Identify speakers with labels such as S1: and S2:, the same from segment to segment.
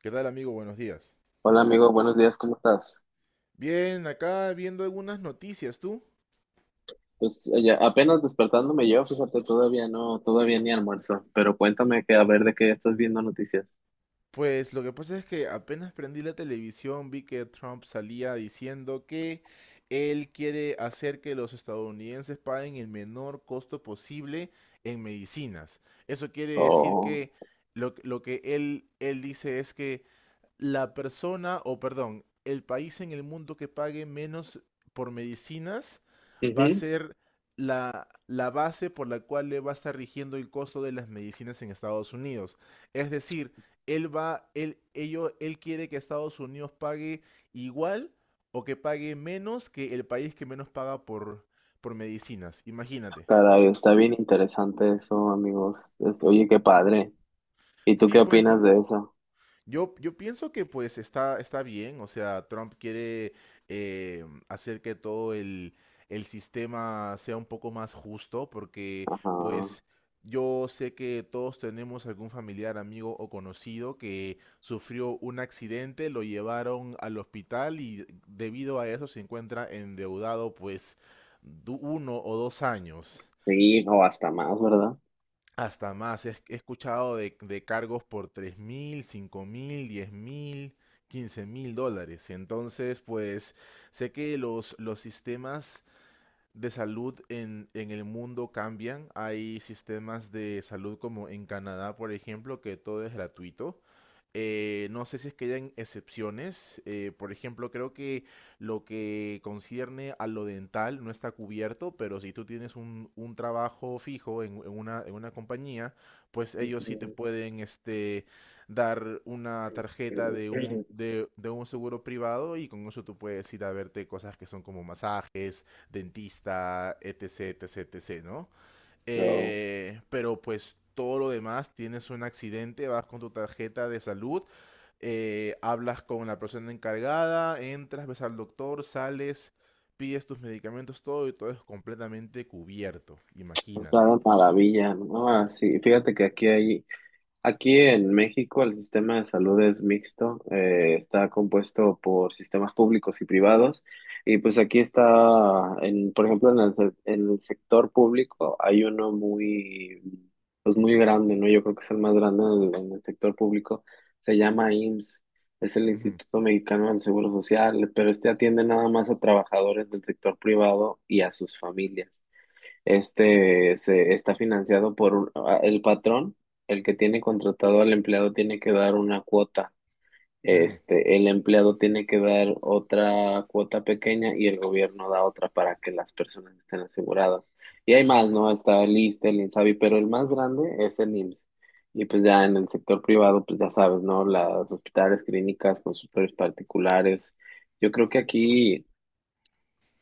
S1: ¿Qué tal, amigo? Buenos días.
S2: Hola amigo, buenos días, ¿cómo estás?
S1: Bien, acá viendo algunas noticias, ¿tú?
S2: Ya apenas despertándome yo, fíjate, todavía ni almuerzo, pero cuéntame que a ver de qué estás viendo noticias.
S1: Pues lo que pasa es que apenas prendí la televisión, vi que Trump salía diciendo que él quiere hacer que los estadounidenses paguen el menor costo posible en medicinas. Eso quiere decir
S2: Oh.
S1: que lo que él dice es que la persona, o perdón, el país en el mundo que pague menos por medicinas va a
S2: Ujú.
S1: ser la base por la cual le va a estar rigiendo el costo de las medicinas en Estados Unidos. Es decir, él va, él, ello, él quiere que Estados Unidos pague igual o que pague menos que el país que menos paga por medicinas. Imagínate.
S2: Caray, está bien interesante eso, amigos. Oye, qué padre. ¿Y tú
S1: Sí,
S2: qué
S1: pues,
S2: opinas
S1: ¿no?
S2: de eso?
S1: Yo pienso que pues está bien, o sea, Trump quiere hacer que todo el sistema sea un poco más justo, porque
S2: Ajá.
S1: pues yo sé que todos tenemos algún familiar, amigo o conocido que sufrió un accidente, lo llevaron al hospital y debido a eso se encuentra endeudado pues uno o dos años.
S2: Sí, o hasta más, ¿verdad?
S1: Hasta más, he escuchado de cargos por 3000, 5000, 10.000, $15.000. Entonces, pues sé que los sistemas de salud en el mundo cambian. Hay sistemas de salud como en Canadá, por ejemplo, que todo es gratuito. No sé si es que hayan excepciones. Por ejemplo, creo que lo que concierne a lo dental no está cubierto, pero si tú tienes un trabajo fijo en, en una compañía, pues ellos sí te
S2: Ujú.
S1: pueden dar una tarjeta de un, de un seguro privado y con eso tú puedes ir a verte cosas que son como masajes, dentista, etc, etc, etc, ¿no?
S2: Oh.
S1: Pero pues todo lo demás, tienes un accidente, vas con tu tarjeta de salud, hablas con la persona encargada, entras, ves al doctor, sales, pides tus medicamentos, todo y todo es completamente cubierto,
S2: Está
S1: imagínate.
S2: de maravilla, ¿no? Ah, sí, fíjate que aquí hay Aquí en México el sistema de salud es mixto, está compuesto por sistemas públicos y privados y pues aquí está, por ejemplo, en el sector público hay uno muy, pues muy grande, ¿no? Yo creo que es el más grande en el sector público, se llama IMSS, es el
S1: Ujú,
S2: Instituto Mexicano del Seguro Social, pero este atiende nada más a trabajadores del sector privado y a sus familias. Este se está financiado por un- a- El patrón, el que tiene contratado al empleado, tiene que dar una cuota,
S1: ujú.
S2: este, el empleado tiene que dar otra cuota pequeña y el gobierno da otra para que las personas estén aseguradas. Y hay más,
S1: Ah,
S2: ¿no? Está el ISSSTE, el INSABI, pero el más grande es el IMSS. Y pues ya en el sector privado, pues ya sabes, ¿no? Las hospitales, clínicas, consultorios particulares. Yo creo que aquí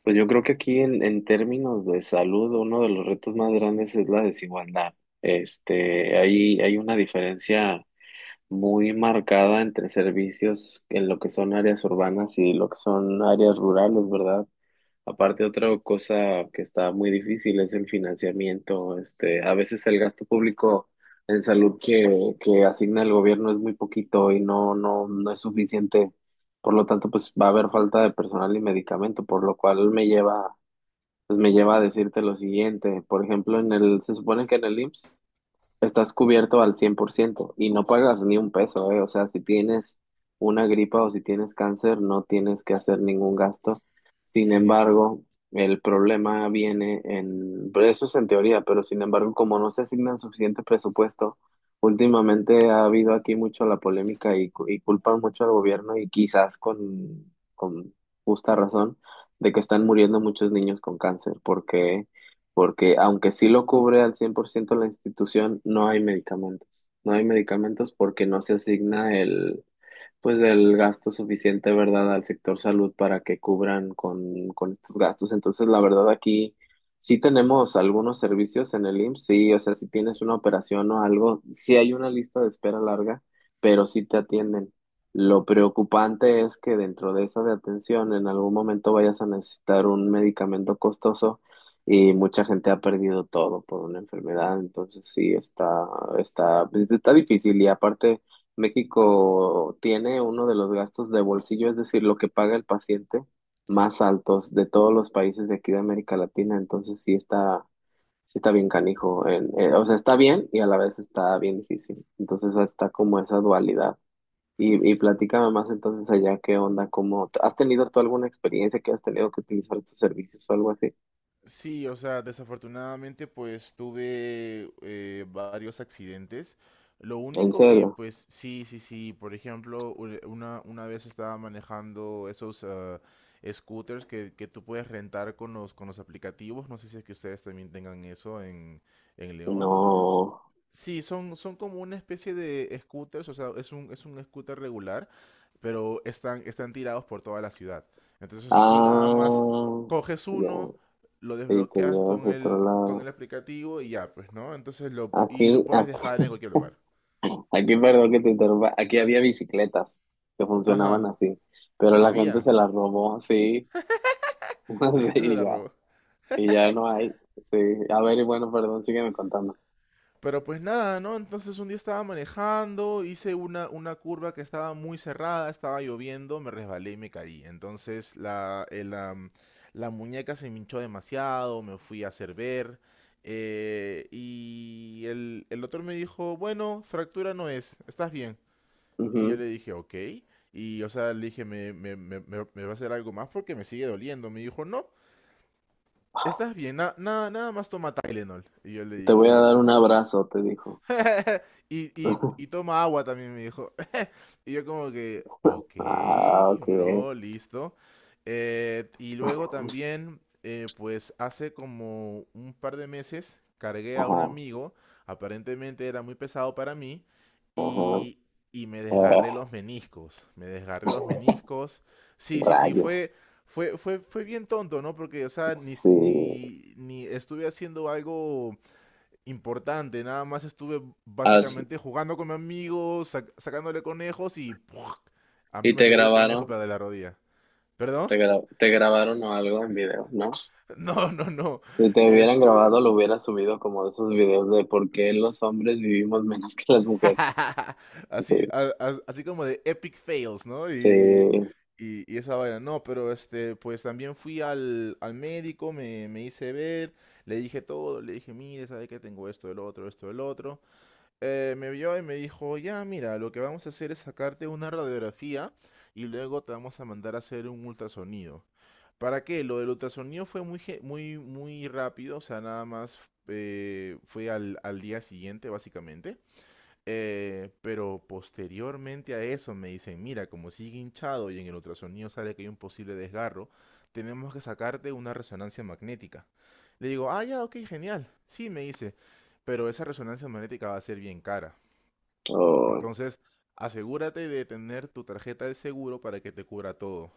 S2: pues yo creo que aquí en términos de salud, uno de los retos más grandes es la desigualdad. Este, hay una diferencia muy marcada entre servicios en lo que son áreas urbanas y lo que son áreas rurales, ¿verdad? Aparte, otra cosa que está muy difícil es el financiamiento. Este, a veces el gasto público en salud que asigna el gobierno es muy poquito y no es suficiente. Por lo tanto, pues va a haber falta de personal y medicamento, por lo cual me lleva a decirte lo siguiente, por ejemplo, se supone que en el IMSS estás cubierto al 100% y no pagas ni un peso, ¿eh? O sea, si tienes una gripa o si tienes cáncer, no tienes que hacer ningún gasto.
S1: qué
S2: Sin
S1: genial.
S2: embargo, el problema viene en... pero Eso es en teoría, pero sin embargo, como no se asignan suficiente presupuesto, últimamente ha habido aquí mucho la polémica y y culpan mucho al gobierno y quizás con justa razón de que están muriendo muchos niños con cáncer, porque aunque sí lo cubre al 100% la institución, no hay medicamentos. No hay medicamentos porque no se asigna el, pues del gasto suficiente, ¿verdad?, al sector salud para que cubran con estos gastos. Entonces, la verdad, aquí sí tenemos algunos servicios en el IMSS, sí, o sea, si tienes una operación o algo, sí hay una lista de espera larga, pero sí te atienden. Lo preocupante es que dentro de esa de atención en algún momento vayas a necesitar un medicamento costoso y mucha gente ha perdido todo por una enfermedad, entonces está, pues, está difícil y aparte México tiene uno de los gastos de bolsillo, es decir, lo que paga el paciente,
S1: Sí.
S2: más altos de todos los países de aquí de América Latina. Entonces sí está bien canijo. O sea, está bien y a la vez está bien difícil. Entonces está como esa dualidad. Y platícame más entonces allá qué onda, cómo, ¿has tenido tú alguna experiencia que has tenido que utilizar estos servicios o algo así?
S1: Sí, o sea, desafortunadamente pues tuve varios accidentes. Lo
S2: ¿En
S1: único que
S2: serio?
S1: pues sí, sí, sí, por ejemplo, una vez estaba manejando esos scooters que tú puedes rentar con con los aplicativos. No sé si es que ustedes también tengan eso en, León.
S2: No.
S1: Sí, son como una especie de scooters, o sea, es un scooter regular, pero están tirados por toda la ciudad. Entonces tú nada más
S2: Ah,
S1: coges
S2: ya.
S1: uno, lo
S2: Y te
S1: desbloqueas
S2: llevas a
S1: con
S2: otro
S1: con
S2: lado.
S1: el aplicativo y ya, pues, ¿no? Entonces
S2: Aquí,
S1: y lo puedes dejar
S2: aquí.
S1: en cualquier lugar.
S2: Aquí, perdón que te interrumpa, aquí había bicicletas que funcionaban
S1: Ajá,
S2: así, pero la gente
S1: habían.
S2: se las robó, sí,
S1: La
S2: sí,
S1: gente se la robó.
S2: y ya no hay, sí. A ver, y bueno, perdón, sígueme contando.
S1: Pero pues nada, ¿no? Entonces un día estaba manejando, hice una curva que estaba muy cerrada, estaba lloviendo, me resbalé y me caí. Entonces la muñeca se me hinchó demasiado, me fui a hacer ver. Y el doctor me dijo, bueno, fractura no es, estás bien. Y yo
S2: Ujú.
S1: le dije, ok. Y o sea, le dije, me va a hacer algo más porque me sigue doliendo? Me dijo, no, estás bien, nada más toma Tylenol. Y yo le
S2: Te voy a
S1: dije,
S2: dar un abrazo, te dijo.
S1: Y toma agua también, me dijo. Y yo como que, ok,
S2: Ah, ok.
S1: bro, listo. Y luego también, pues hace como un par de meses, cargué a un
S2: Ajá,
S1: amigo, aparentemente era muy pesado para mí,
S2: ajá.
S1: y, y me desgarré
S2: Ah,
S1: los meniscos, me desgarré los meniscos. Sí, sí, sí,
S2: rayos,
S1: fue bien tonto, ¿no? Porque, o sea,
S2: sí.
S1: ni estuve haciendo algo importante. Nada más estuve
S2: As-
S1: básicamente jugando con mi amigo, sacándole conejos y ¡puj! A mí
S2: ¿Y
S1: me
S2: te
S1: salió el conejo
S2: grabaron,
S1: pero de la rodilla. ¿Perdón?
S2: te grabaron o algo en video, no?
S1: No, no, no.
S2: Si te hubieran
S1: Este,
S2: grabado, lo hubieras subido como de esos videos de por qué los hombres vivimos menos que las mujeres.
S1: Así,
S2: Sí,
S1: así como de epic fails, ¿no? Y,
S2: sí,
S1: y, y esa vaina. No, pero pues también fui al médico, me hice ver, le dije todo, le dije, mire, sabe que tengo esto, el otro, esto, el otro. Me vio y me dijo, ya, mira, lo que vamos a hacer es sacarte una radiografía y luego te vamos a mandar a hacer un ultrasonido. ¿Para qué? Lo del ultrasonido fue muy rápido, o sea, nada más fue al día siguiente, básicamente. Pero posteriormente a eso me dicen, mira, como sigue hinchado y en el ultrasonido sale que hay un posible desgarro, tenemos que sacarte una resonancia magnética. Le digo, ah, ya, ok, genial. Sí, me dice, pero esa resonancia magnética va a ser bien cara.
S2: oh,
S1: Entonces, asegúrate de tener tu tarjeta de seguro para que te cubra todo.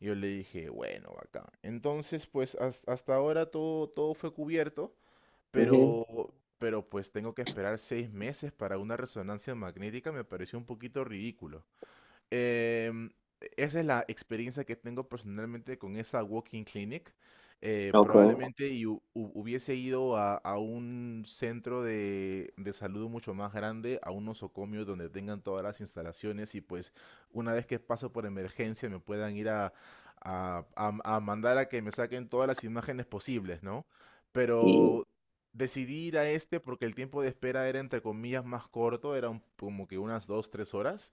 S1: Yo le dije, bueno, bacán. Entonces, pues hasta ahora todo fue cubierto,
S2: ujú,
S1: pero, pues tengo que esperar 6 meses para una resonancia magnética, me pareció un poquito ridículo. Em, esa es la experiencia que tengo personalmente con esa walking clinic. Eh,
S2: ok,
S1: probablemente y hubiese ido a un centro de salud mucho más grande, a un nosocomio donde tengan todas las instalaciones y pues una vez que paso por emergencia me puedan ir a mandar a que me saquen todas las imágenes posibles, ¿no?
S2: y,
S1: Pero decidí ir a este porque el tiempo de espera era entre comillas más corto, era como que unas dos tres horas.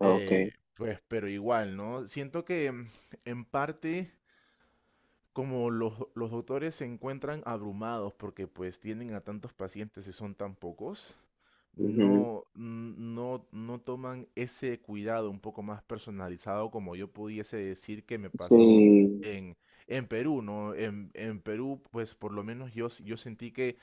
S2: ok,
S1: Pues, pero igual, ¿no? Siento que en parte como los doctores se encuentran abrumados porque pues tienen a tantos pacientes y son tan pocos,
S2: ujú,
S1: no toman ese cuidado un poco más personalizado como yo pudiese decir que me pasó
S2: sí,
S1: en, Perú, ¿no? En, Perú, pues por lo menos yo sentí que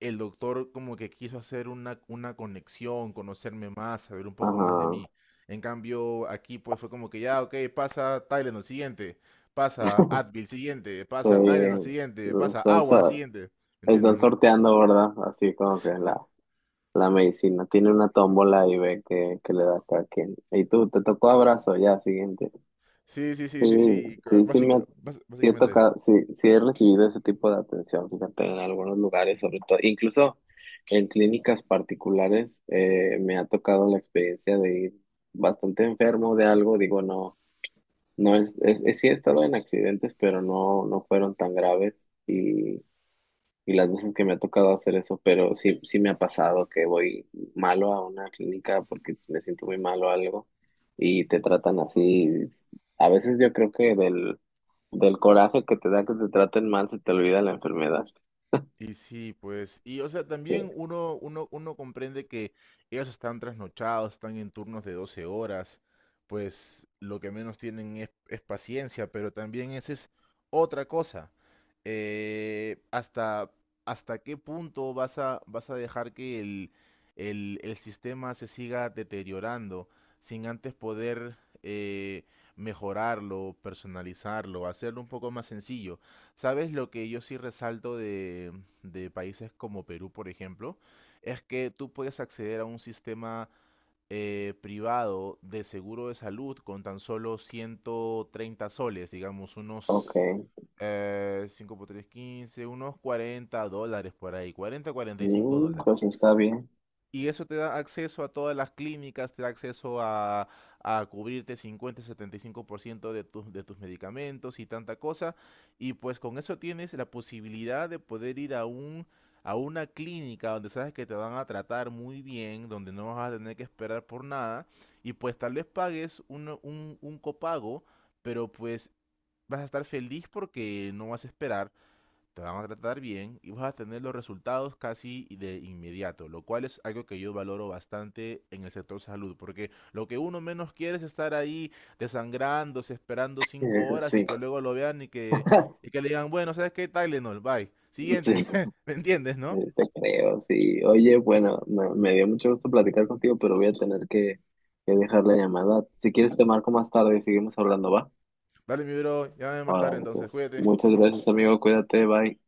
S1: el doctor como que quiso hacer una conexión, conocerme más, saber un poco más de
S2: ajá,
S1: mí. En cambio, aquí pues fue como que ya, ok, pasa Tylenol siguiente, pasa Advil siguiente, pasa Tylenol
S2: sí,
S1: siguiente, pasa
S2: están,
S1: agua
S2: so-
S1: siguiente.
S2: están
S1: ¿Entiendes, no?
S2: sorteando, ¿verdad? Así como que la medicina tiene una tómbola y ve que le da a cada quien. Y tú, te tocó abrazo, ya, siguiente.
S1: Sí, sí, sí, sí,
S2: Sí,
S1: sí. c-
S2: sí, sí,
S1: básica- bas-
S2: sí he
S1: básicamente eso.
S2: tocado, sí, sí he recibido ese tipo de atención, fíjate, en algunos lugares, sobre todo, incluso en clínicas particulares, me ha tocado la experiencia de ir bastante enfermo de algo, digo, no es, sí he estado en accidentes, pero no fueron tan graves y las veces que me ha tocado hacer eso, pero sí, sí me ha pasado que voy malo a una clínica porque me siento muy mal o algo y te tratan así. A veces yo creo que del coraje que te da que te traten mal se te olvida la enfermedad.
S1: Y sí, pues, y o sea,
S2: Sí.
S1: también uno comprende que ellos están trasnochados, están en turnos de 12 horas, pues lo que menos tienen es paciencia, pero también esa es otra cosa. Eh, hasta, hasta qué punto vas vas a dejar que el sistema se siga deteriorando sin antes poder eh, mejorarlo, personalizarlo, hacerlo un poco más sencillo. ¿Sabes lo que yo sí resalto de países como Perú, por ejemplo, es que tú puedes acceder a un sistema privado de seguro de salud con tan solo 130 soles, digamos
S2: Ok.
S1: unos 5 por 3, 15, unos $40 por ahí, 40, 45
S2: Mm, pues
S1: dólares.
S2: está bien.
S1: Y eso te da acceso a todas las clínicas, te da acceso a cubrirte 50, 75% de de tus medicamentos y tanta cosa. Y pues con eso tienes la posibilidad de poder ir a una clínica donde sabes que te van a tratar muy bien, donde no vas a tener que esperar por nada. Y pues tal vez pagues un copago, pero pues vas a estar feliz porque no vas a esperar te van a tratar bien y vas a tener los resultados casi de inmediato, lo cual es algo que yo valoro bastante en el sector salud, porque lo que uno menos quiere es estar ahí desangrándose, esperando cinco horas y
S2: Sí,
S1: que luego lo vean y y que le digan, bueno, ¿sabes qué? Tylenol, bye. Siguiente,
S2: sí,
S1: ¿me entiendes, no?
S2: te creo, sí. Oye, bueno, me dio mucho gusto platicar contigo, pero voy a tener que dejar la llamada. Si quieres te marco más tarde y seguimos hablando, ¿va?
S1: Dale, mi bro, llámame más tarde
S2: Ahora,
S1: entonces,
S2: pues,
S1: cuídate.
S2: muchas gracias, amigo. Cuídate, bye.